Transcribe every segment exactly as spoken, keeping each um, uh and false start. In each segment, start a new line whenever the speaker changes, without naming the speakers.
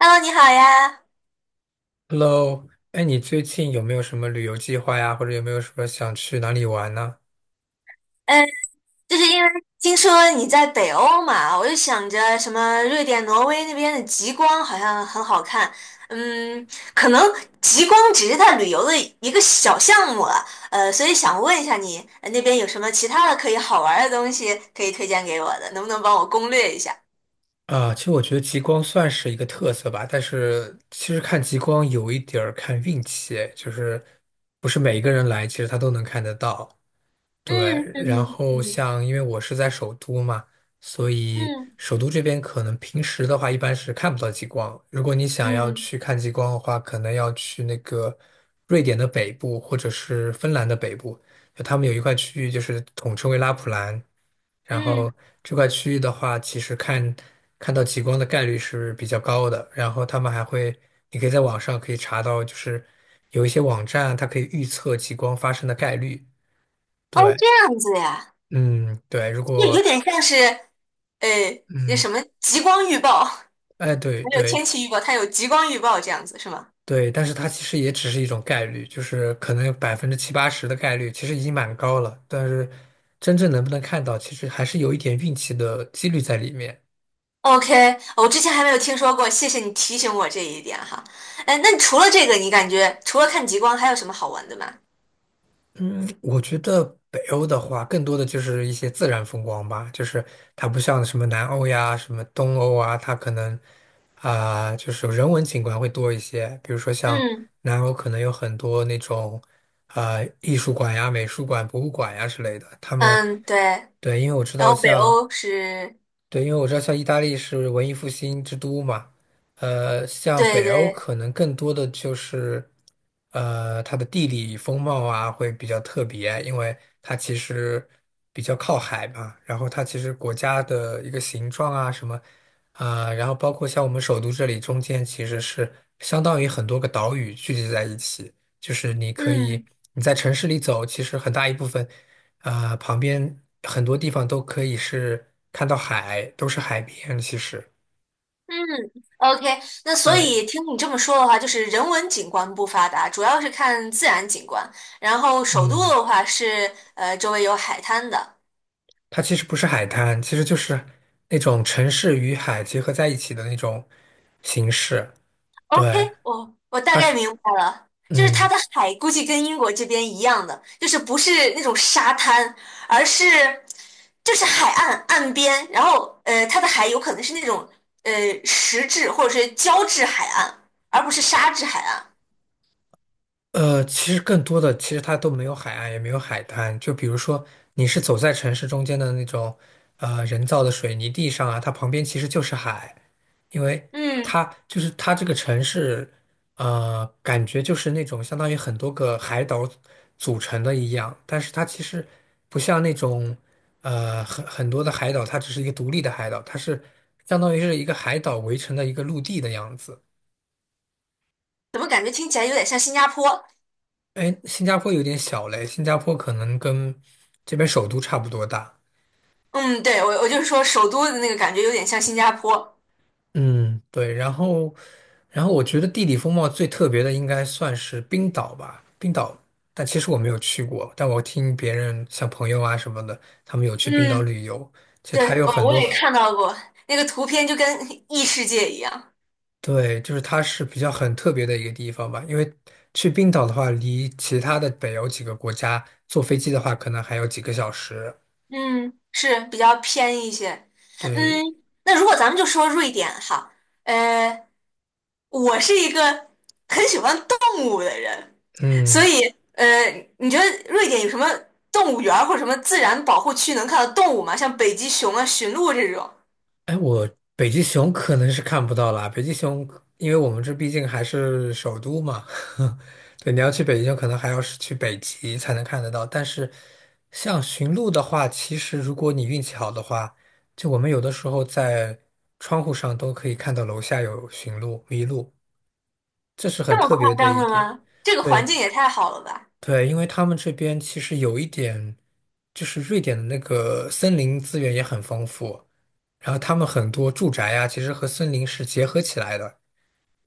Hello，你好呀。
Hello。哎，你最近有没有什么旅游计划呀？或者有没有什么想去哪里玩呢？
嗯，就是因为听说你在北欧嘛，我就想着什么瑞典、挪威那边的极光好像很好看。嗯，可能极光只是它旅游的一个小项目了。呃，所以想问一下你，呃那边有什么其他的可以好玩儿的东西可以推荐给我的？能不能帮我攻略一下？
啊，其实我觉得极光算是一个特色吧，但是其实看极光有一点儿看运气，哎就是不是每一个人来，其实他都能看得到。对，
嗯
然
嗯
后
嗯
像因为我是在首都嘛，所以
嗯
首都这边可能平时的话一般是看不到极光。如果你想要
嗯
去看极光的话，可能要去那个瑞典的北部或者是芬兰的北部，就他们有一块区域就是统称为拉普兰。然后
嗯。
这块区域的话，其实看看到极光的概率是比较高的。然后他们还会，你可以在网上可以查到，就是有一些网站它可以预测极光发生的概率。
哦，
对，
这样子呀，
嗯，对，如
就
果
有点像是呃，那
嗯，
什么极光预报。
哎，对
还有
对
天气预报，它有极光预报这样子是吗？
对，但是它其实也只是一种概率，就是可能有百分之七八十的概率，其实已经蛮高了。但是真正能不能看到，其实还是有一点运气的几率在里面。
OK，我之前还没有听说过，谢谢你提醒我这一点哈。哎，那除了这个，你感觉除了看极光，还有什么好玩的吗？
我觉得北欧的话，更多的就是一些自然风光吧，就是它不像什么南欧呀、什么东欧啊，它可能啊、就是人文景观会多一些。比如说像
嗯
南欧，可能有很多那种啊、艺术馆呀、美术馆、博物馆呀之类的。他们
嗯，对，
对，因为我知
然
道
后北
像
欧是，
对，因为我知道像意大利是文艺复兴之都嘛。呃，像
对
北欧
对，
可能更多的就是，呃，它的地理风貌啊会比较特别，因为它其实比较靠海嘛，然后它其实国家的一个形状啊什么，啊、然后包括像我们首都这里中间其实是相当于很多个岛屿聚集在一起，就是你可以
嗯
你在城市里走，其实很大一部分。啊，旁边很多地方都可以是看到海，都是海边。其实，
嗯，OK，那所
对，
以听你这么说的话，就是人文景观不发达，主要是看自然景观，然后首都
嗯，
的话是呃周围有海滩的。
它其实不是海滩，其实就是那种城市与海结合在一起的那种形式。
OK，
对，
我我大
它
概
是，
明白了，就是它
嗯。
的海估计跟英国这边一样的，就是不是那种沙滩，而是就是海岸岸边，然后呃，它的海有可能是那种呃石质或者是胶质海岸，而不是沙质海岸。
呃，其实更多的，其实它都没有海岸，也没有海滩。就比如说，你是走在城市中间的那种，呃，人造的水泥地上啊，它旁边其实就是海，因为
嗯，
它就是它这个城市，呃，感觉就是那种相当于很多个海岛组成的一样，但是它其实不像那种，呃，很很多的海岛，它只是一个独立的海岛，它是相当于是一个海岛围成的一个陆地的样子。
怎么感觉听起来有点像新加坡？
哎，新加坡有点小嘞，新加坡可能跟这边首都差不多大。
嗯，对，我我就是说首都的那个感觉有点像新加坡。
嗯，对，然后，然后我觉得地理风貌最特别的应该算是冰岛吧。冰岛，但其实我没有去过，但我听别人像朋友啊什么的，他们有去冰岛
嗯，
旅游，其实它
对，
有很
我我
多
也
很
看到过那个图片，就跟 异世界一样。
对，就是它是比较很特别的一个地方吧，因为去冰岛的话，离其他的北欧几个国家坐飞机的话，可能还有几个小时。
嗯，是比较偏一些。
对，
嗯，那如果咱们就说瑞典哈，呃，我是一个很喜欢动物的人，所
嗯。
以呃，你觉得瑞典有什么动物园儿或者什么自然保护区能看到动物吗？像北极熊啊、驯鹿这种，
哎，我北极熊可能是看不到啦。北极熊，因为我们这毕竟还是首都嘛，对，你要去北极熊，可能还要是去北极才能看得到。但是，像驯鹿的话，其实如果你运气好的话，就我们有的时候在窗户上都可以看到楼下有驯鹿、麋鹿，这是很
这么
特别
夸
的
张
一
的
点。
吗？这个环
对。
境也太好了吧！
对，因为他们这边其实有一点，就是瑞典的那个森林资源也很丰富，然后他们很多住宅呀，其实和森林是结合起来的，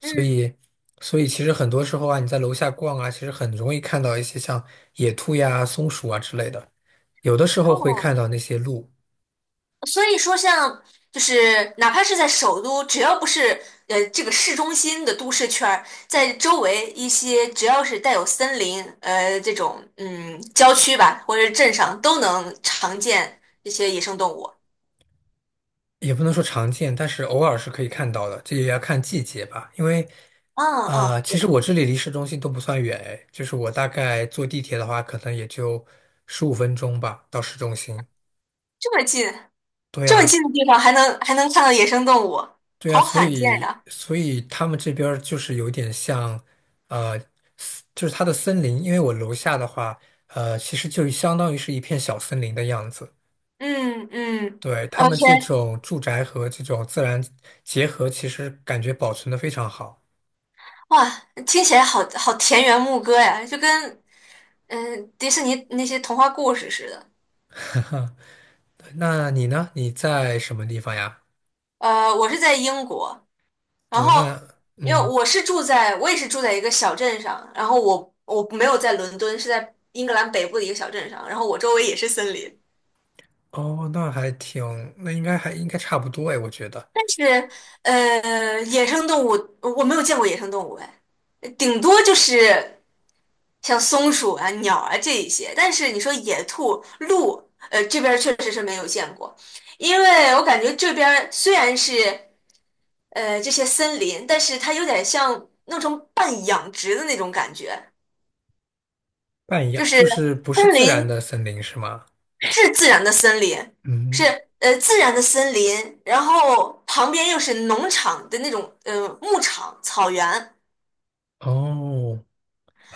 嗯，
以，所以其实很多时候啊，你在楼下逛啊，其实很容易看到一些像野兔呀、松鼠啊之类的，有的时候会
哦，
看到那些鹿。
所以说像就是哪怕是在首都，只要不是呃这个市中心的都市圈儿，在周围一些只要是带有森林呃这种嗯郊区吧，或者是镇上都能常见这些野生动物。
也不能说常见，但是偶尔是可以看到的，这也要看季节吧。因为，
嗯
呃，
嗯，
其
对，
实我这里离市中心都不算远，哎，就是我大概坐地铁的话，可能也就十五分钟吧，到市中心。
这么近，
对
这么
呀，
近的地方还能还能看到野生动物，
对呀，
好
所
罕见
以，
呀。
所以他们这边儿就是有点像，呃，森就是它的森林，因为我楼下的话，呃，其实就相当于是一片小森林的样子。
嗯嗯
对，他
，OK，
们这种住宅和这种自然结合，其实感觉保存的非常好。
哇，听起来好好田园牧歌呀，就跟嗯、呃迪士尼那些童话故事似的。
那你呢？你在什么地方呀？
呃，我是在英国，然
对，
后
那
因为
嗯。
我是住在，我也是住在一个小镇上，然后我我没有在伦敦，是在英格兰北部的一个小镇上，然后我周围也是森林，
哦，那还挺，那应该还应该差不多哎，我觉得
但是呃，野生动物我没有见过野生动物哎，顶多就是像松鼠啊、鸟啊这一些，但是你说野兔、鹿，呃，这边儿确实是没有见过，因为我感觉这边儿虽然是，呃这些森林，但是它有点像弄成半养殖的那种感觉，
半一样，
就是
就是不是
森
自然
林
的森林是吗？
是自然的森林，是
嗯。
呃自然的森林，然后旁边又是农场的那种呃牧场草原，
哦，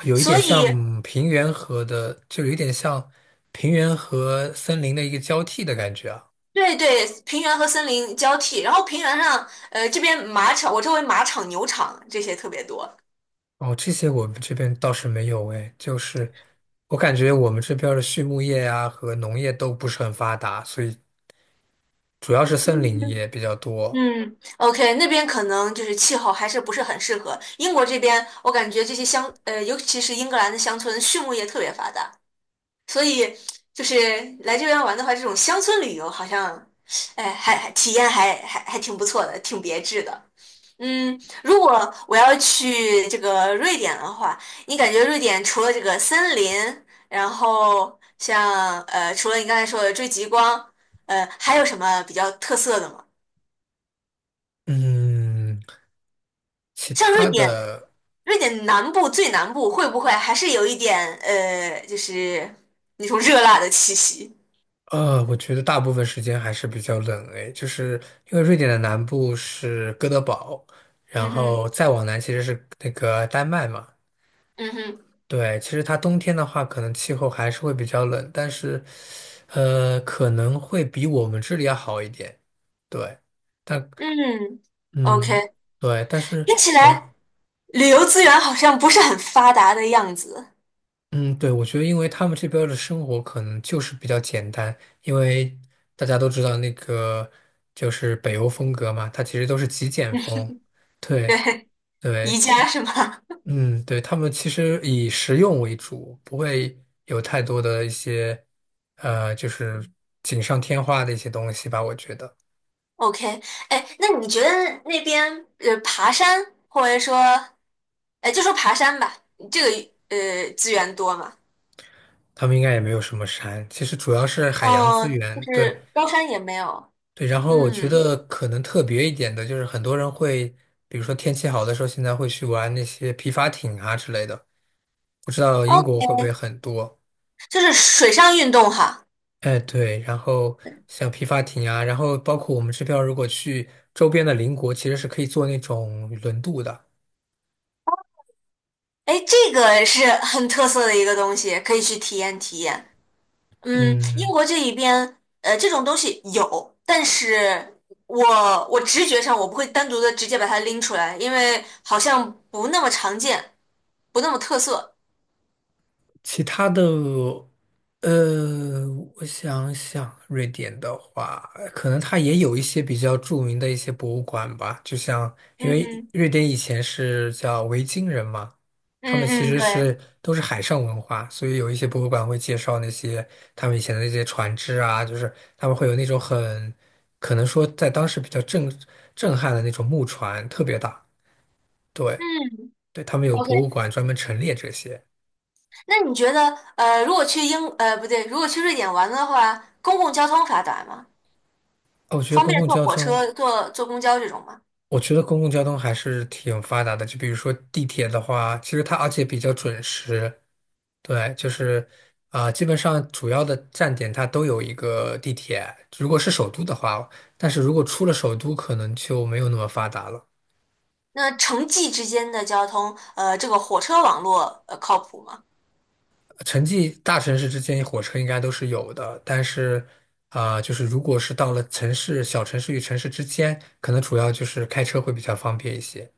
有一
所
点
以
像平原和的，就有一点像平原和森林的一个交替的感觉啊。
对对，平原和森林交替，然后平原上呃这边马场，我周围马场、牛场这些特别多。
哦，这些我们这边倒是没有哎，就是我感觉我们这边儿的畜牧业呀、和农业都不是很发达，所以主要是森林也比较多。
嗯，OK，那边可能就是气候还是不是很适合。英国这边，我感觉这些乡，呃，尤其是英格兰的乡村，畜牧业特别发达，所以就是来这边玩的话，这种乡村旅游好像，哎，还还体验还还还挺不错的，挺别致的。嗯，如果我要去这个瑞典的话，你感觉瑞典除了这个森林，然后像呃，除了你刚才说的追极光，呃，还有什么比较特色的吗？
嗯。其
像瑞
他
典。
的，
瑞典南部最南部会不会还是有一点呃，就是那种热辣的气息？
呃，我觉得大部分时间还是比较冷诶，就是因为瑞典的南部是哥德堡，然
嗯哼，
后再往南其实是那个丹麦嘛。
嗯哼，
对，其实它冬天的话，可能气候还是会比较冷，但是，呃，可能会比我们这里要好一点。对，但
嗯
嗯，
，OK，
对，但是
听起
我。
来旅游资源好像不是很发达的样子。
嗯，对，我觉得因为他们这边儿的生活可能就是比较简单，因为大家都知道那个就是北欧风格嘛，它其实都是极简风。对
对，宜
对，
家
其
是吗
嗯，对，他们其实以实用为主，不会有太多的一些呃，就是锦上添花的一些东西吧。我觉得
？OK，哎，那你觉得那边呃爬山或者说，哎，就说爬山吧，这个呃资源多吗？
他们应该也没有什么山，其实主要是海洋资
哦，就
源，对，
是高山也没有，
对，然后我觉
嗯，
得可能特别一点的就是，很多人会，比如说天气好的时候，现在会去玩那些皮划艇啊之类的。不知道英
哦，
国会不会很多？
就是水上运动哈。
哎，对，然后像皮划艇啊，然后包括我们这边如果去周边的邻国，其实是可以坐那种轮渡的。
哎，这个是 很特色的一个东西，可以去体验体验。嗯，英
嗯，
国这一边，呃，这种东西有，但是我我直觉上我不会单独的直接把它拎出来，因为好像不那么常见，不那么特色。
其他的，呃，我想想，瑞典的话，可能它也有一些比较著名的一些博物馆吧，就像因为
嗯
瑞典以前是叫维京人嘛，他
嗯
们其
嗯，
实
对，
是都是海上文化，所以有一些博物馆会介绍那些他们以前的那些船只啊，就是他们会有那种很可能说在当时比较震震撼的那种木船，特别大。对
嗯
对，他们有博
，OK。
物馆专门陈列这些。
那你觉得，呃，如果去英，呃，不对，如果去瑞典玩的话，公共交通发达吗？
哦，我觉得
方
公
便
共
坐
交
火
通。
车、坐坐公交这种吗？
我觉得公共交通还是挺发达的，就比如说地铁的话，其实它而且比较准时，对，就是啊、基本上主要的站点它都有一个地铁。如果是首都的话，但是如果出了首都，可能就没有那么发达了。
那城际之间的交通，呃，这个火车网络呃靠谱吗
城际大城市之间火车应该都是有的，但是啊、就是如果是到了城市、小城市与城市之间，可能主要就是开车会比较方便一些。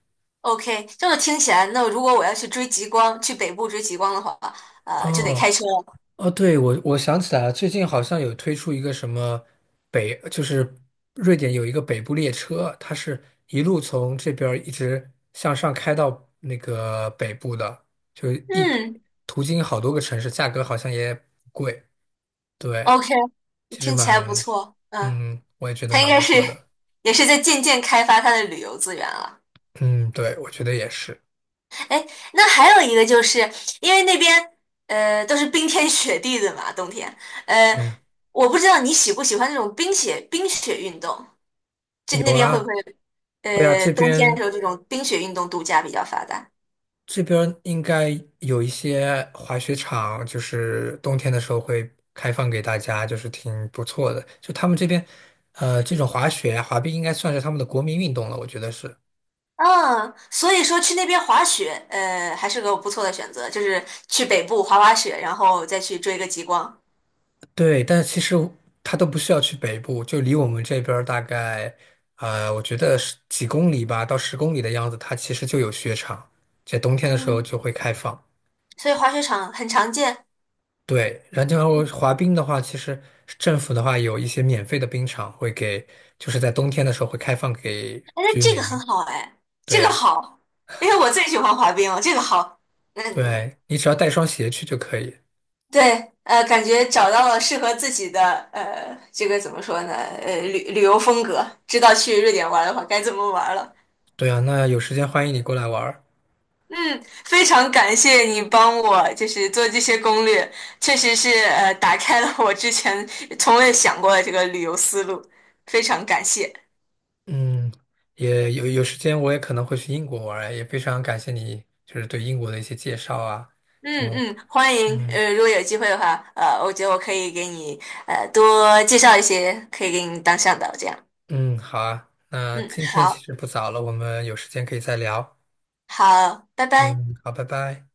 ？OK，这么听起来，那如果我要去追极光，去北部追极光的话，呃，就得
哦，
开车了。
哦，对，我我想起来了，最近好像有推出一个什么北，就是瑞典有一个北部列车，它是一路从这边儿一直向上开到那个北部的，就一
嗯
途经好多个城市，价格好像也不贵。对，
，OK，
其实
听起来不
蛮，
错。嗯，
嗯，我也觉得
它应
蛮不
该是
错的。
也是在渐渐开发它的旅游资源了。
嗯，对，我觉得也是。
哎，那还有一个就是因为那边呃都是冰天雪地的嘛，冬天，呃，
嗯，
我不知道你喜不喜欢那种冰雪冰雪运动，这
有
那边会
啊，
不会？
会啊，
呃，
这
冬天的时
边
候这种冰雪运动度假比较发达。
这边应该有一些滑雪场，就是冬天的时候会开放给大家，就是挺不错的。就他们这边，呃，这种滑雪啊、滑冰应该算是他们的国民运动了，我觉得是。
嗯，所以说去那边滑雪，呃，还是个不错的选择，就是去北部滑滑雪，然后再去追个极光。
对，但是其实他都不需要去北部，就离我们这边儿大概，呃，我觉得是几公里吧，到十公里的样子，它其实就有雪场，在冬天的时候
嗯，
就会开放。
所以滑雪场很常见。哎，
对，然后滑冰的话，其实政府的话有一些免费的冰场会给，就是在冬天的时候会开放给
那
居
这
民。
个很好哎，
对
这个
呀，
好，因为我最喜欢滑冰了，这个好。嗯，
对，你只要带双鞋去就可以。
对，呃，感觉找到了适合自己的，呃，这个怎么说呢？呃，旅旅游风格，知道去瑞典玩的话该怎么玩了。
对啊，那有时间欢迎你过来玩儿。
嗯，非常感谢你帮我，就是做这些攻略，确实是呃打开了我之前从未想过的这个旅游思路，非常感谢。
嗯，也有有时间我也可能会去英国玩儿，也非常感谢你就是对英国的一些介绍啊。
嗯
就
嗯，欢迎，
嗯
呃，如果有机会的话，呃，我觉得我可以给你呃多介绍一些可以给你当向导这样。
嗯，好啊，那
嗯，
今天其
好，
实不早了，我们有时间可以再聊。
好，拜拜。
嗯，好，拜拜。